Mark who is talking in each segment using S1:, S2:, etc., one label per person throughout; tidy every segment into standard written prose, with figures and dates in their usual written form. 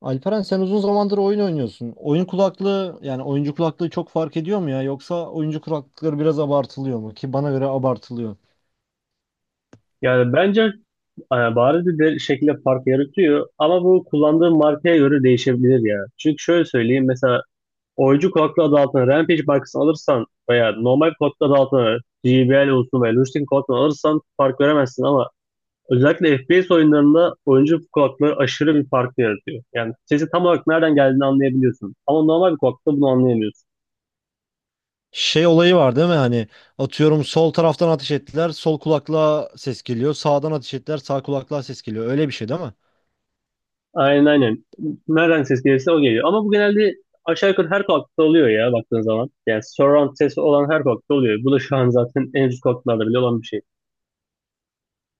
S1: Alperen sen uzun zamandır oyun oynuyorsun. Oyun kulaklığı yani oyuncu kulaklığı çok fark ediyor mu ya? Yoksa oyuncu kulaklıkları biraz abartılıyor mu? Ki bana göre abartılıyor.
S2: Yani bence bariz bir şekilde fark yaratıyor ama bu kullandığım markaya göre değişebilir ya. Çünkü şöyle söyleyeyim, mesela oyuncu kulaklığı adı altına Rampage markasını alırsan veya normal kulaklığı adı altına JBL olsun veya Lushing kulaklığını alırsan fark veremezsin ama özellikle FPS oyunlarında oyuncu kulaklığı aşırı bir fark yaratıyor. Yani sesi tam olarak nereden geldiğini anlayabiliyorsun ama normal bir kulaklıkta bunu anlayamıyorsun.
S1: Şey olayı var değil mi? Hani atıyorum sol taraftan ateş ettiler, sol kulaklığa ses geliyor. Sağdan ateş ettiler, sağ kulaklığa ses geliyor. Öyle bir şey değil mi?
S2: Aynen, aynen. Nereden ses gelirse o geliyor. Ama bu genelde aşağı yukarı her kulaklıkta oluyor ya, baktığın zaman. Yani surround sesi olan her kulaklıkta oluyor. Bu da şu an zaten en üst kulaklıklarda bile olan bir şey.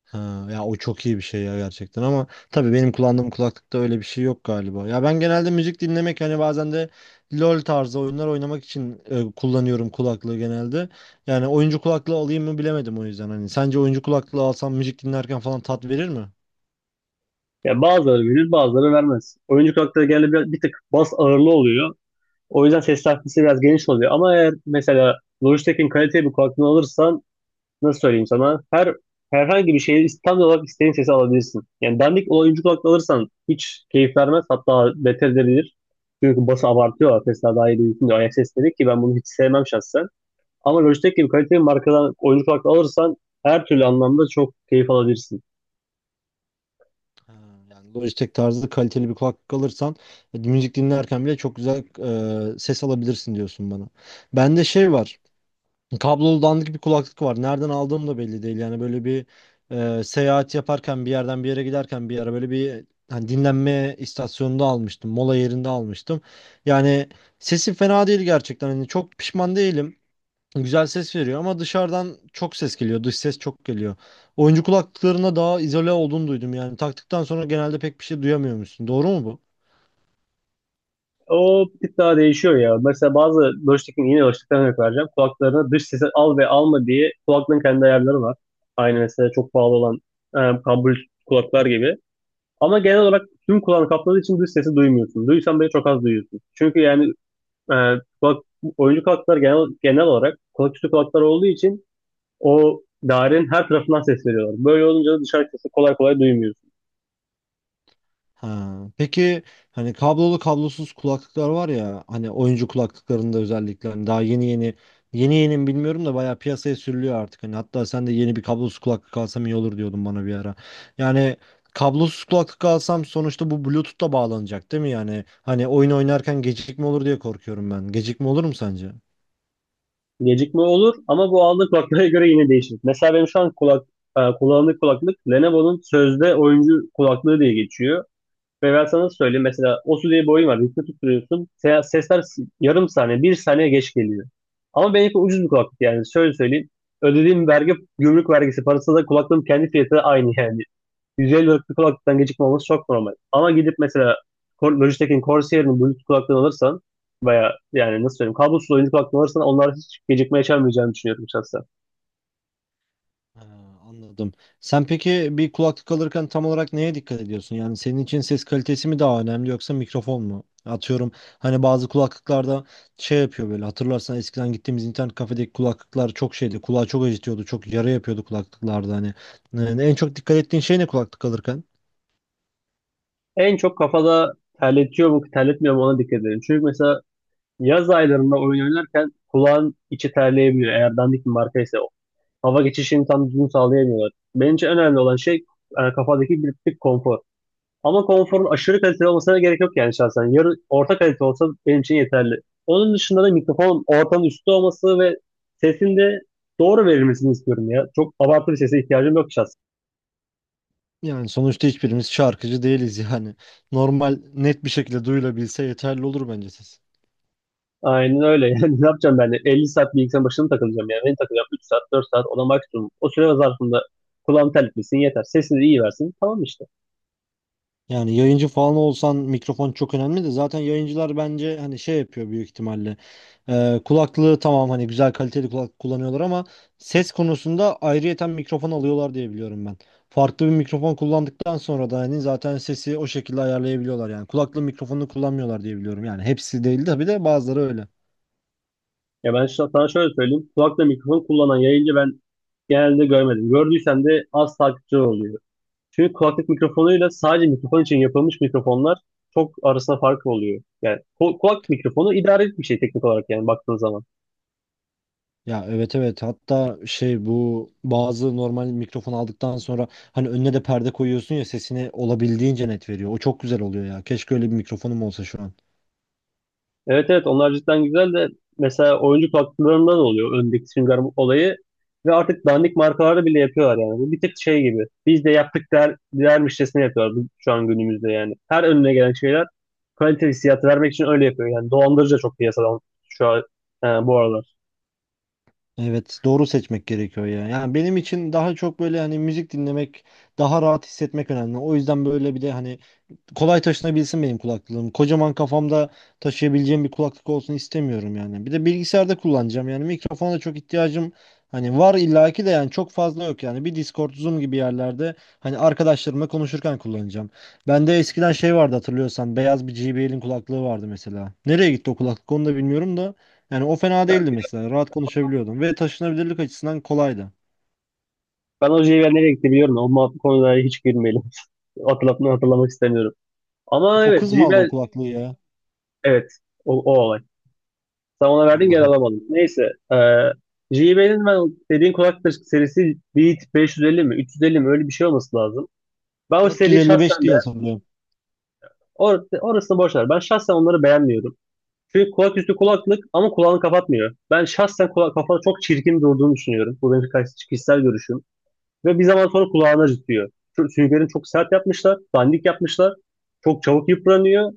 S1: Ha, ya o çok iyi bir şey ya gerçekten ama tabii benim kullandığım kulaklıkta öyle bir şey yok galiba. Ya ben genelde müzik dinlemek hani bazen de LoL tarzı oyunlar oynamak için kullanıyorum kulaklığı genelde. Yani oyuncu kulaklığı alayım mı bilemedim o yüzden hani. Sence oyuncu kulaklığı alsam müzik dinlerken falan tat verir mi?
S2: Yani bazıları verir, bazıları vermez. Oyuncu kulaklıkta genelde bir tık bas ağırlı oluyor. O yüzden ses takvisi biraz geniş oluyor. Ama eğer mesela Logitech'in kaliteli bir kulaklığı alırsan, nasıl söyleyeyim sana, herhangi bir şeyi tam olarak istediğin sesi alabilirsin. Yani dandik oyuncu kulaklık alırsan hiç keyif vermez, hatta beter edilir. Çünkü bası abartıyor, Tesla daha iyi duyulsun diye, ayak sesleri, ki ben bunu hiç sevmem şahsen. Ama Logitech gibi kaliteli bir markadan oyuncu kulaklığı alırsan her türlü anlamda çok keyif alabilirsin.
S1: Ha, yani Logitech tarzı kaliteli bir kulaklık alırsan müzik dinlerken bile çok güzel ses alabilirsin diyorsun bana. Bende şey var. Kablolu dandik bir kulaklık var. Nereden aldığım da belli değil. Yani böyle bir seyahat yaparken bir yerden bir yere giderken bir yere böyle bir hani dinlenme istasyonunda almıştım. Mola yerinde almıştım. Yani sesi fena değil gerçekten. Hani çok pişman değilim. Güzel ses veriyor ama dışarıdan çok ses geliyor. Dış ses çok geliyor. Oyuncu kulaklıklarına daha izole olduğunu duydum. Yani taktıktan sonra genelde pek bir şey duyamıyormuşsun. Doğru mu bu?
S2: O bir tık daha değişiyor ya. Mesela Logitech'in, yine Logitech'ten örnek vereceğim. Kulaklarına dış sesi al ve alma diye kulaklığın kendi ayarları var. Aynı mesela çok pahalı olan e, Bluetooth kulaklar gibi. Ama genel olarak tüm kulağını kapladığı için dış sesi duymuyorsun. Duysan bile çok az duyuyorsun. Çünkü yani, e, kulak, oyuncu kulaklar genel olarak kulak üstü kulaklar olduğu için o dairenin her tarafından ses veriyorlar. Böyle olunca da dışarı sesi kolay kolay duymuyorsun.
S1: Ha. Peki hani kablolu kablosuz kulaklıklar var ya hani oyuncu kulaklıklarında özellikle hani daha yeni yeni mi bilmiyorum da bayağı piyasaya sürülüyor artık. Hani hatta sen de yeni bir kablosuz kulaklık alsam iyi olur diyordun bana bir ara. Yani kablosuz kulaklık alsam sonuçta bu Bluetooth'la bağlanacak değil mi yani? Hani oyun oynarken gecikme olur diye korkuyorum ben. Gecikme olur mu sence?
S2: Gecikme olur ama bu aldığı kulaklara göre yine değişir. Mesela benim şu an kullandığım kulaklık Lenovo'nun sözde oyuncu kulaklığı diye geçiyor. Ve ben sana söyleyeyim, mesela Osu diye bir oyun var. Rift'i tutturuyorsun. Sesler yarım saniye, bir saniye geç geliyor. Ama benimki ucuz bir kulaklık yani. Şöyle söyleyeyim. Ödediğim vergi, gümrük vergisi parası da kulaklığın kendi fiyatı da aynı yani. 150 liralık bir kulaklıktan gecikme olması çok normal. Ama gidip mesela Logitech'in, Corsair'in Bluetooth kulaklığını alırsan veya, yani nasıl söyleyeyim, kablosuz oyuncu kulaklığını alırsan onlar hiç gecikme yaşamayacağını düşünüyorum şahsen.
S1: Ha, anladım. Sen peki bir kulaklık alırken tam olarak neye dikkat ediyorsun? Yani senin için ses kalitesi mi daha önemli yoksa mikrofon mu? Atıyorum hani bazı kulaklıklarda şey yapıyor böyle hatırlarsan eskiden gittiğimiz internet kafedeki kulaklıklar çok şeydi. Kulağı çok acıtıyordu. Çok yara yapıyordu kulaklıklarda hani. Yani en çok dikkat ettiğin şey ne kulaklık alırken?
S2: En çok kafada terletiyor mu, terletmiyor mu, ona dikkat edelim. Çünkü mesela yaz aylarında oyun oynarken kulağın içi terleyebiliyor, eğer dandik bir markaysa. O, hava geçişini tam düzgün sağlayamıyorlar. Bence en önemli olan şey kafadaki bir tık konfor. Ama konforun aşırı kaliteli olmasına gerek yok yani, şahsen. Yarı orta kalite olsa benim için yeterli. Onun dışında da mikrofon ortanın üstü olması ve sesin de doğru verilmesini istiyorum ya. Çok abartılı bir sese ihtiyacım yok.
S1: Yani sonuçta hiçbirimiz şarkıcı değiliz yani. Normal net bir şekilde duyulabilse yeterli olur bence ses.
S2: Aynen öyle. Yani ne yapacağım ben de? 50 saat bilgisayarın başına mı takılacağım yani? Ben takılacağım 3 saat, 4 saat ona maksimum. O süre zarfında kulağım terletmesin yeter. Sesini de iyi versin. Tamam işte.
S1: Yani yayıncı falan olsan mikrofon çok önemli de zaten yayıncılar bence hani şey yapıyor büyük ihtimalle. Kulaklığı tamam hani güzel kaliteli kulak kullanıyorlar ama ses konusunda ayrıyeten mikrofon alıyorlar diye biliyorum ben. Farklı bir mikrofon kullandıktan sonra da hani zaten sesi o şekilde ayarlayabiliyorlar yani. Kulaklığı mikrofonunu kullanmıyorlar diye biliyorum yani. Hepsi değil tabii de bazıları öyle.
S2: Ya ben sana şöyle söyleyeyim. Kulakla mikrofon kullanan yayıncı ben genelde görmedim. Gördüysem de az takipçi oluyor. Çünkü kulaklık mikrofonuyla sadece mikrofon için yapılmış mikrofonlar çok arasında fark oluyor. Yani kulak mikrofonu idarelik bir şey teknik olarak, yani baktığın zaman.
S1: Ya, evet, evet, hatta şey bu bazı normal mikrofon aldıktan sonra hani önüne de perde koyuyorsun ya sesini olabildiğince net veriyor. O çok güzel oluyor ya. Keşke öyle bir mikrofonum olsa şu an.
S2: Evet, evet, onlar cidden güzel de mesela oyuncu katkılarında oluyor öndeki Sünger Bob olayı ve artık dandik markalarda bile yapıyorlar yani. Bu bir tık şey gibi, biz de yaptık dermişçesine yapıyorlar şu an, günümüzde yani. Her önüne gelen şeyler kaliteli hissiyatı vermek için öyle yapıyor. Yani dolandırıcı da çok piyasadan şu an, bu aralar.
S1: Evet, doğru seçmek gerekiyor ya. Yani benim için daha çok böyle hani müzik dinlemek daha rahat hissetmek önemli. O yüzden böyle bir de hani kolay taşınabilsin benim kulaklığım. Kocaman kafamda taşıyabileceğim bir kulaklık olsun istemiyorum yani. Bir de bilgisayarda kullanacağım yani mikrofona çok ihtiyacım hani var illaki de yani çok fazla yok yani. Bir Discord, Zoom gibi yerlerde hani arkadaşlarımla konuşurken kullanacağım. Bende eskiden şey vardı hatırlıyorsan beyaz bir JBL'in kulaklığı vardı mesela. Nereye gitti o kulaklık onu da bilmiyorum da yani o fena
S2: Ben,
S1: değildi mesela. Rahat konuşabiliyordum ve taşınabilirlik açısından kolaydı.
S2: ben o JBL nereye gitti biliyorum da o konulara hiç girmeyelim. Hatırlamak istemiyorum. Ama
S1: O kız
S2: evet,
S1: mı aldı o
S2: JBL,
S1: kulaklığı ya?
S2: evet, o olay. Sen ona verdin, gel
S1: Allah'ım.
S2: alamadım. Neyse. E, JBL'in ben dediğin kulaklık serisi Beat 550 mi, 350 mi, öyle bir şey olması lazım. Ben o seriyi
S1: 455
S2: şahsen de,
S1: diye hatırlıyorum.
S2: orasını boş ver. Ben şahsen onları beğenmiyorum. Çünkü kulak üstü kulaklık ama kulağını kapatmıyor. Ben şahsen kafanı çok çirkin durduğunu düşünüyorum. Bu benim kişisel görüşüm. Ve bir zaman sonra kulağını acıtıyor. Çünkü süngerini çok sert yapmışlar. Dandik yapmışlar. Çok çabuk yıpranıyor.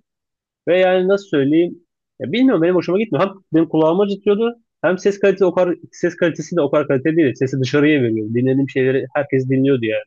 S2: Ve, yani nasıl söyleyeyim? Ya bilmiyorum, benim hoşuma gitmiyor. Hem benim kulağıma acıtıyordu. Hem ses kalitesi de o kadar kaliteli değil. Sesi dışarıya veriyor. Dinlediğim şeyleri herkes dinliyordu yani.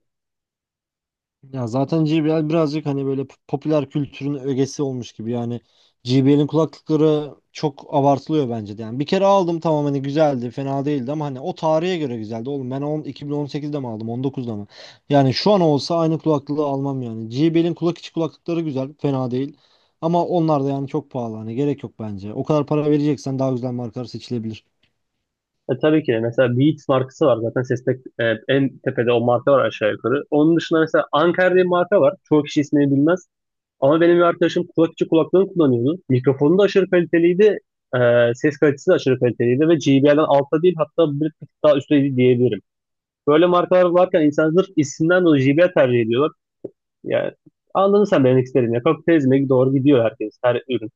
S1: Ya zaten JBL birazcık hani böyle popüler kültürün ögesi olmuş gibi yani JBL'in kulaklıkları çok abartılıyor bence de yani bir kere aldım tamam hani güzeldi fena değildi ama hani o tarihe göre güzeldi oğlum ben 10, 2018'de mi aldım 19'da mı yani şu an olsa aynı kulaklığı almam yani JBL'in kulak içi kulaklıkları güzel fena değil ama onlar da yani çok pahalı hani gerek yok bence o kadar para vereceksen daha güzel markalar seçilebilir.
S2: Tabii ki de mesela Beats markası var zaten seste, en tepede o marka var aşağı yukarı. Onun dışında mesela Anker diye bir marka var. Çoğu kişi ismini bilmez. Ama benim bir arkadaşım kulak içi kulaklığını kullanıyordu. Mikrofonu da aşırı kaliteliydi. E, ses kalitesi de aşırı kaliteliydi ve JBL'den altta değil, hatta bir tık daha üstteydi diyebilirim. Böyle markalar varken insanlar sırf isimden dolayı JBL tercih ediyorlar. Yani anladın sen benim demek istediğimi, ya. Kapitalizme doğru gidiyor herkes, her ürün.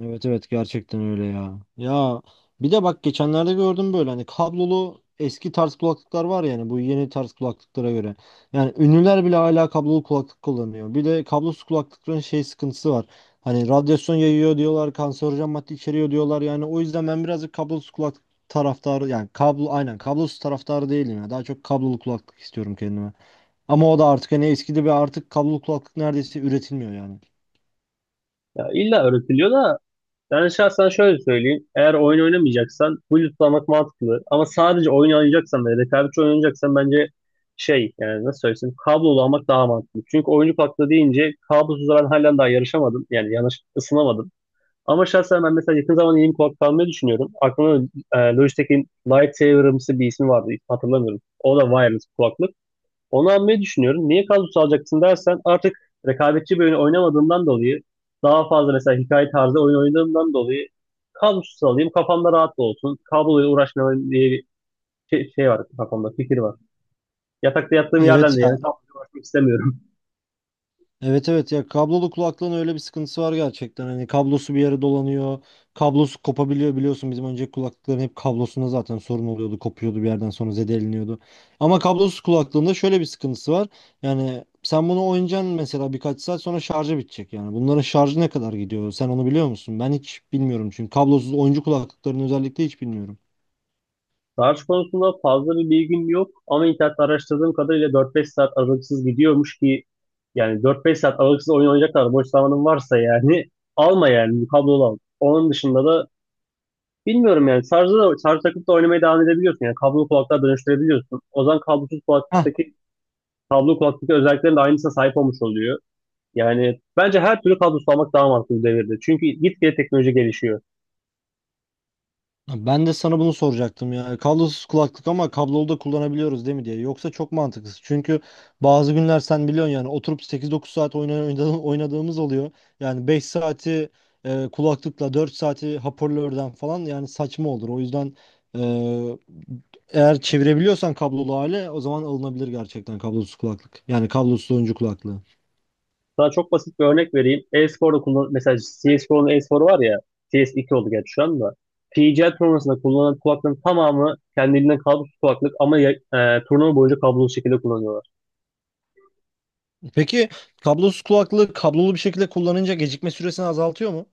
S1: Evet, evet, gerçekten öyle ya. Ya bir de bak geçenlerde gördüm böyle hani kablolu eski tarz kulaklıklar var yani bu yeni tarz kulaklıklara göre. Yani ünlüler bile hala kablolu kulaklık kullanıyor. Bir de kablosuz kulaklıkların şey sıkıntısı var. Hani radyasyon yayıyor diyorlar, kanserojen madde içeriyor diyorlar. Yani o yüzden ben birazcık kablosuz kulaklık taraftarı yani kablo aynen kablosuz taraftarı değilim ya. Daha çok kablolu kulaklık istiyorum kendime. Ama o da artık hani eskidi bir artık kablolu kulaklık neredeyse üretilmiyor yani.
S2: Ya illa öğretiliyor da ben şahsen şöyle söyleyeyim. Eğer oyun oynamayacaksan Bluetooth'lamak mantıklı. Ama sadece oyun oynayacaksan ve rekabetçi oyun oynayacaksan bence, şey, yani nasıl söylesem, kablolu almak daha mantıklı. Çünkü oyuncu kulaklığı deyince kablosuz ben halen daha yarışamadım. Yani yanlış ısınamadım. Ama şahsen ben mesela yakın zamanda yeni bir kulaklık almayı düşünüyorum. Aklımda Logitech'in Lightsaber'ımsı bir ismi vardı. Hatırlamıyorum. O da wireless kulaklık. Onu almayı düşünüyorum. Niye kadro alacaksın dersen, artık rekabetçi bir oyun oynamadığımdan dolayı, daha fazla mesela hikaye tarzı oyun oynadığımdan dolayı kadrosuz alayım, kafamda rahat da olsun. Kabloyla uğraşmayayım diye bir şey var kafamda, fikir var. Yatakta yattığım yerden
S1: Evet
S2: de yani
S1: ya
S2: kabloyla uğraşmak istemiyorum.
S1: Evet ya kablolu kulaklığın öyle bir sıkıntısı var gerçekten. Hani kablosu bir yere dolanıyor. Kablosu kopabiliyor biliyorsun bizim önceki kulaklıkların hep kablosunda zaten sorun oluyordu. Kopuyordu bir yerden sonra zedeleniyordu. Ama kablosuz kulaklığında şöyle bir sıkıntısı var. Yani sen bunu oynayacaksın mesela birkaç saat sonra şarjı bitecek yani. Bunların şarjı ne kadar gidiyor? Sen onu biliyor musun? Ben hiç bilmiyorum çünkü kablosuz oyuncu kulaklıkların özellikle hiç bilmiyorum.
S2: Tarih konusunda fazla bir bilgim yok ama internette araştırdığım kadarıyla 4-5 saat aralıksız gidiyormuş ki, yani 4-5 saat aralıksız oyun oynayacaklar, boş zamanın varsa yani, alma yani, kablolu al. Onun dışında da bilmiyorum yani, şarj takıp da oynamaya devam edebiliyorsun. Yani kablolu kulaklığa dönüştürebiliyorsun. O zaman kablosuz kulaklıktaki kablolu kulaklıktaki özelliklerin de aynısına sahip olmuş oluyor. Yani bence her türlü kablosuz almak daha mantıklı bu devirde. Çünkü gitgide teknoloji gelişiyor.
S1: Ben de sana bunu soracaktım ya. Kablosuz kulaklık ama kablolu da kullanabiliyoruz değil mi diye. Yoksa çok mantıksız. Çünkü bazı günler sen biliyorsun yani oturup sekiz dokuz saat oynadığımız oluyor. Yani 5 saati kulaklıkla 4 saati hoparlörden falan yani saçma olur. O yüzden e, eğer çevirebiliyorsan kablolu hale o zaman alınabilir gerçekten kablosuz kulaklık. Yani kablosuz oyuncu kulaklığı.
S2: Sana çok basit bir örnek vereyim. E-sporda kullan mesela, CS:GO'nun e-sporu var ya, CS2 oldu gerçi şu anda. PGL turnuvasında kullanılan kulaklığın tamamı kendiliğinden kablosuz kulaklık ama turnuva boyunca kablosuz şekilde kullanıyorlar.
S1: Peki kablosuz kulaklığı kablolu bir şekilde kullanınca gecikme süresini azaltıyor mu?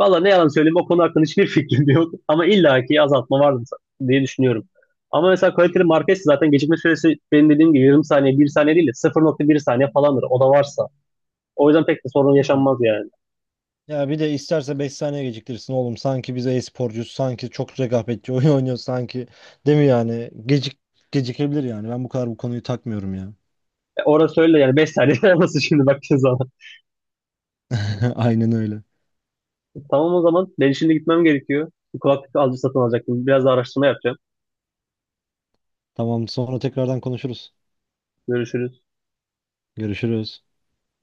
S2: Valla ne yalan söyleyeyim, o konu hakkında hiçbir fikrim yok. Ama illaki azaltma vardır diye düşünüyorum. Ama mesela kaliteli market zaten gecikme süresi benim dediğim gibi yarım saniye, bir saniye değil de 0,1 saniye falandır. O da varsa. O yüzden pek de sorun
S1: Ha.
S2: yaşanmaz yani.
S1: Ya bir de isterse 5 saniye geciktirsin oğlum. Sanki biz e-sporcuyuz. Sanki çok rekabetçi oyun oynuyor sanki. Değil mi yani? Gecikebilir yani. Ben bu kadar bu konuyu takmıyorum ya.
S2: Orada söyle yani, 5 saniye nasıl şimdi, baktığın zaman.
S1: Aynen öyle.
S2: Tamam, o zaman ben şimdi gitmem gerekiyor. Bir kulaklık satın alacaktım. Biraz da araştırma yapacağım.
S1: Tamam, sonra tekrardan konuşuruz.
S2: Görüşürüz.
S1: Görüşürüz.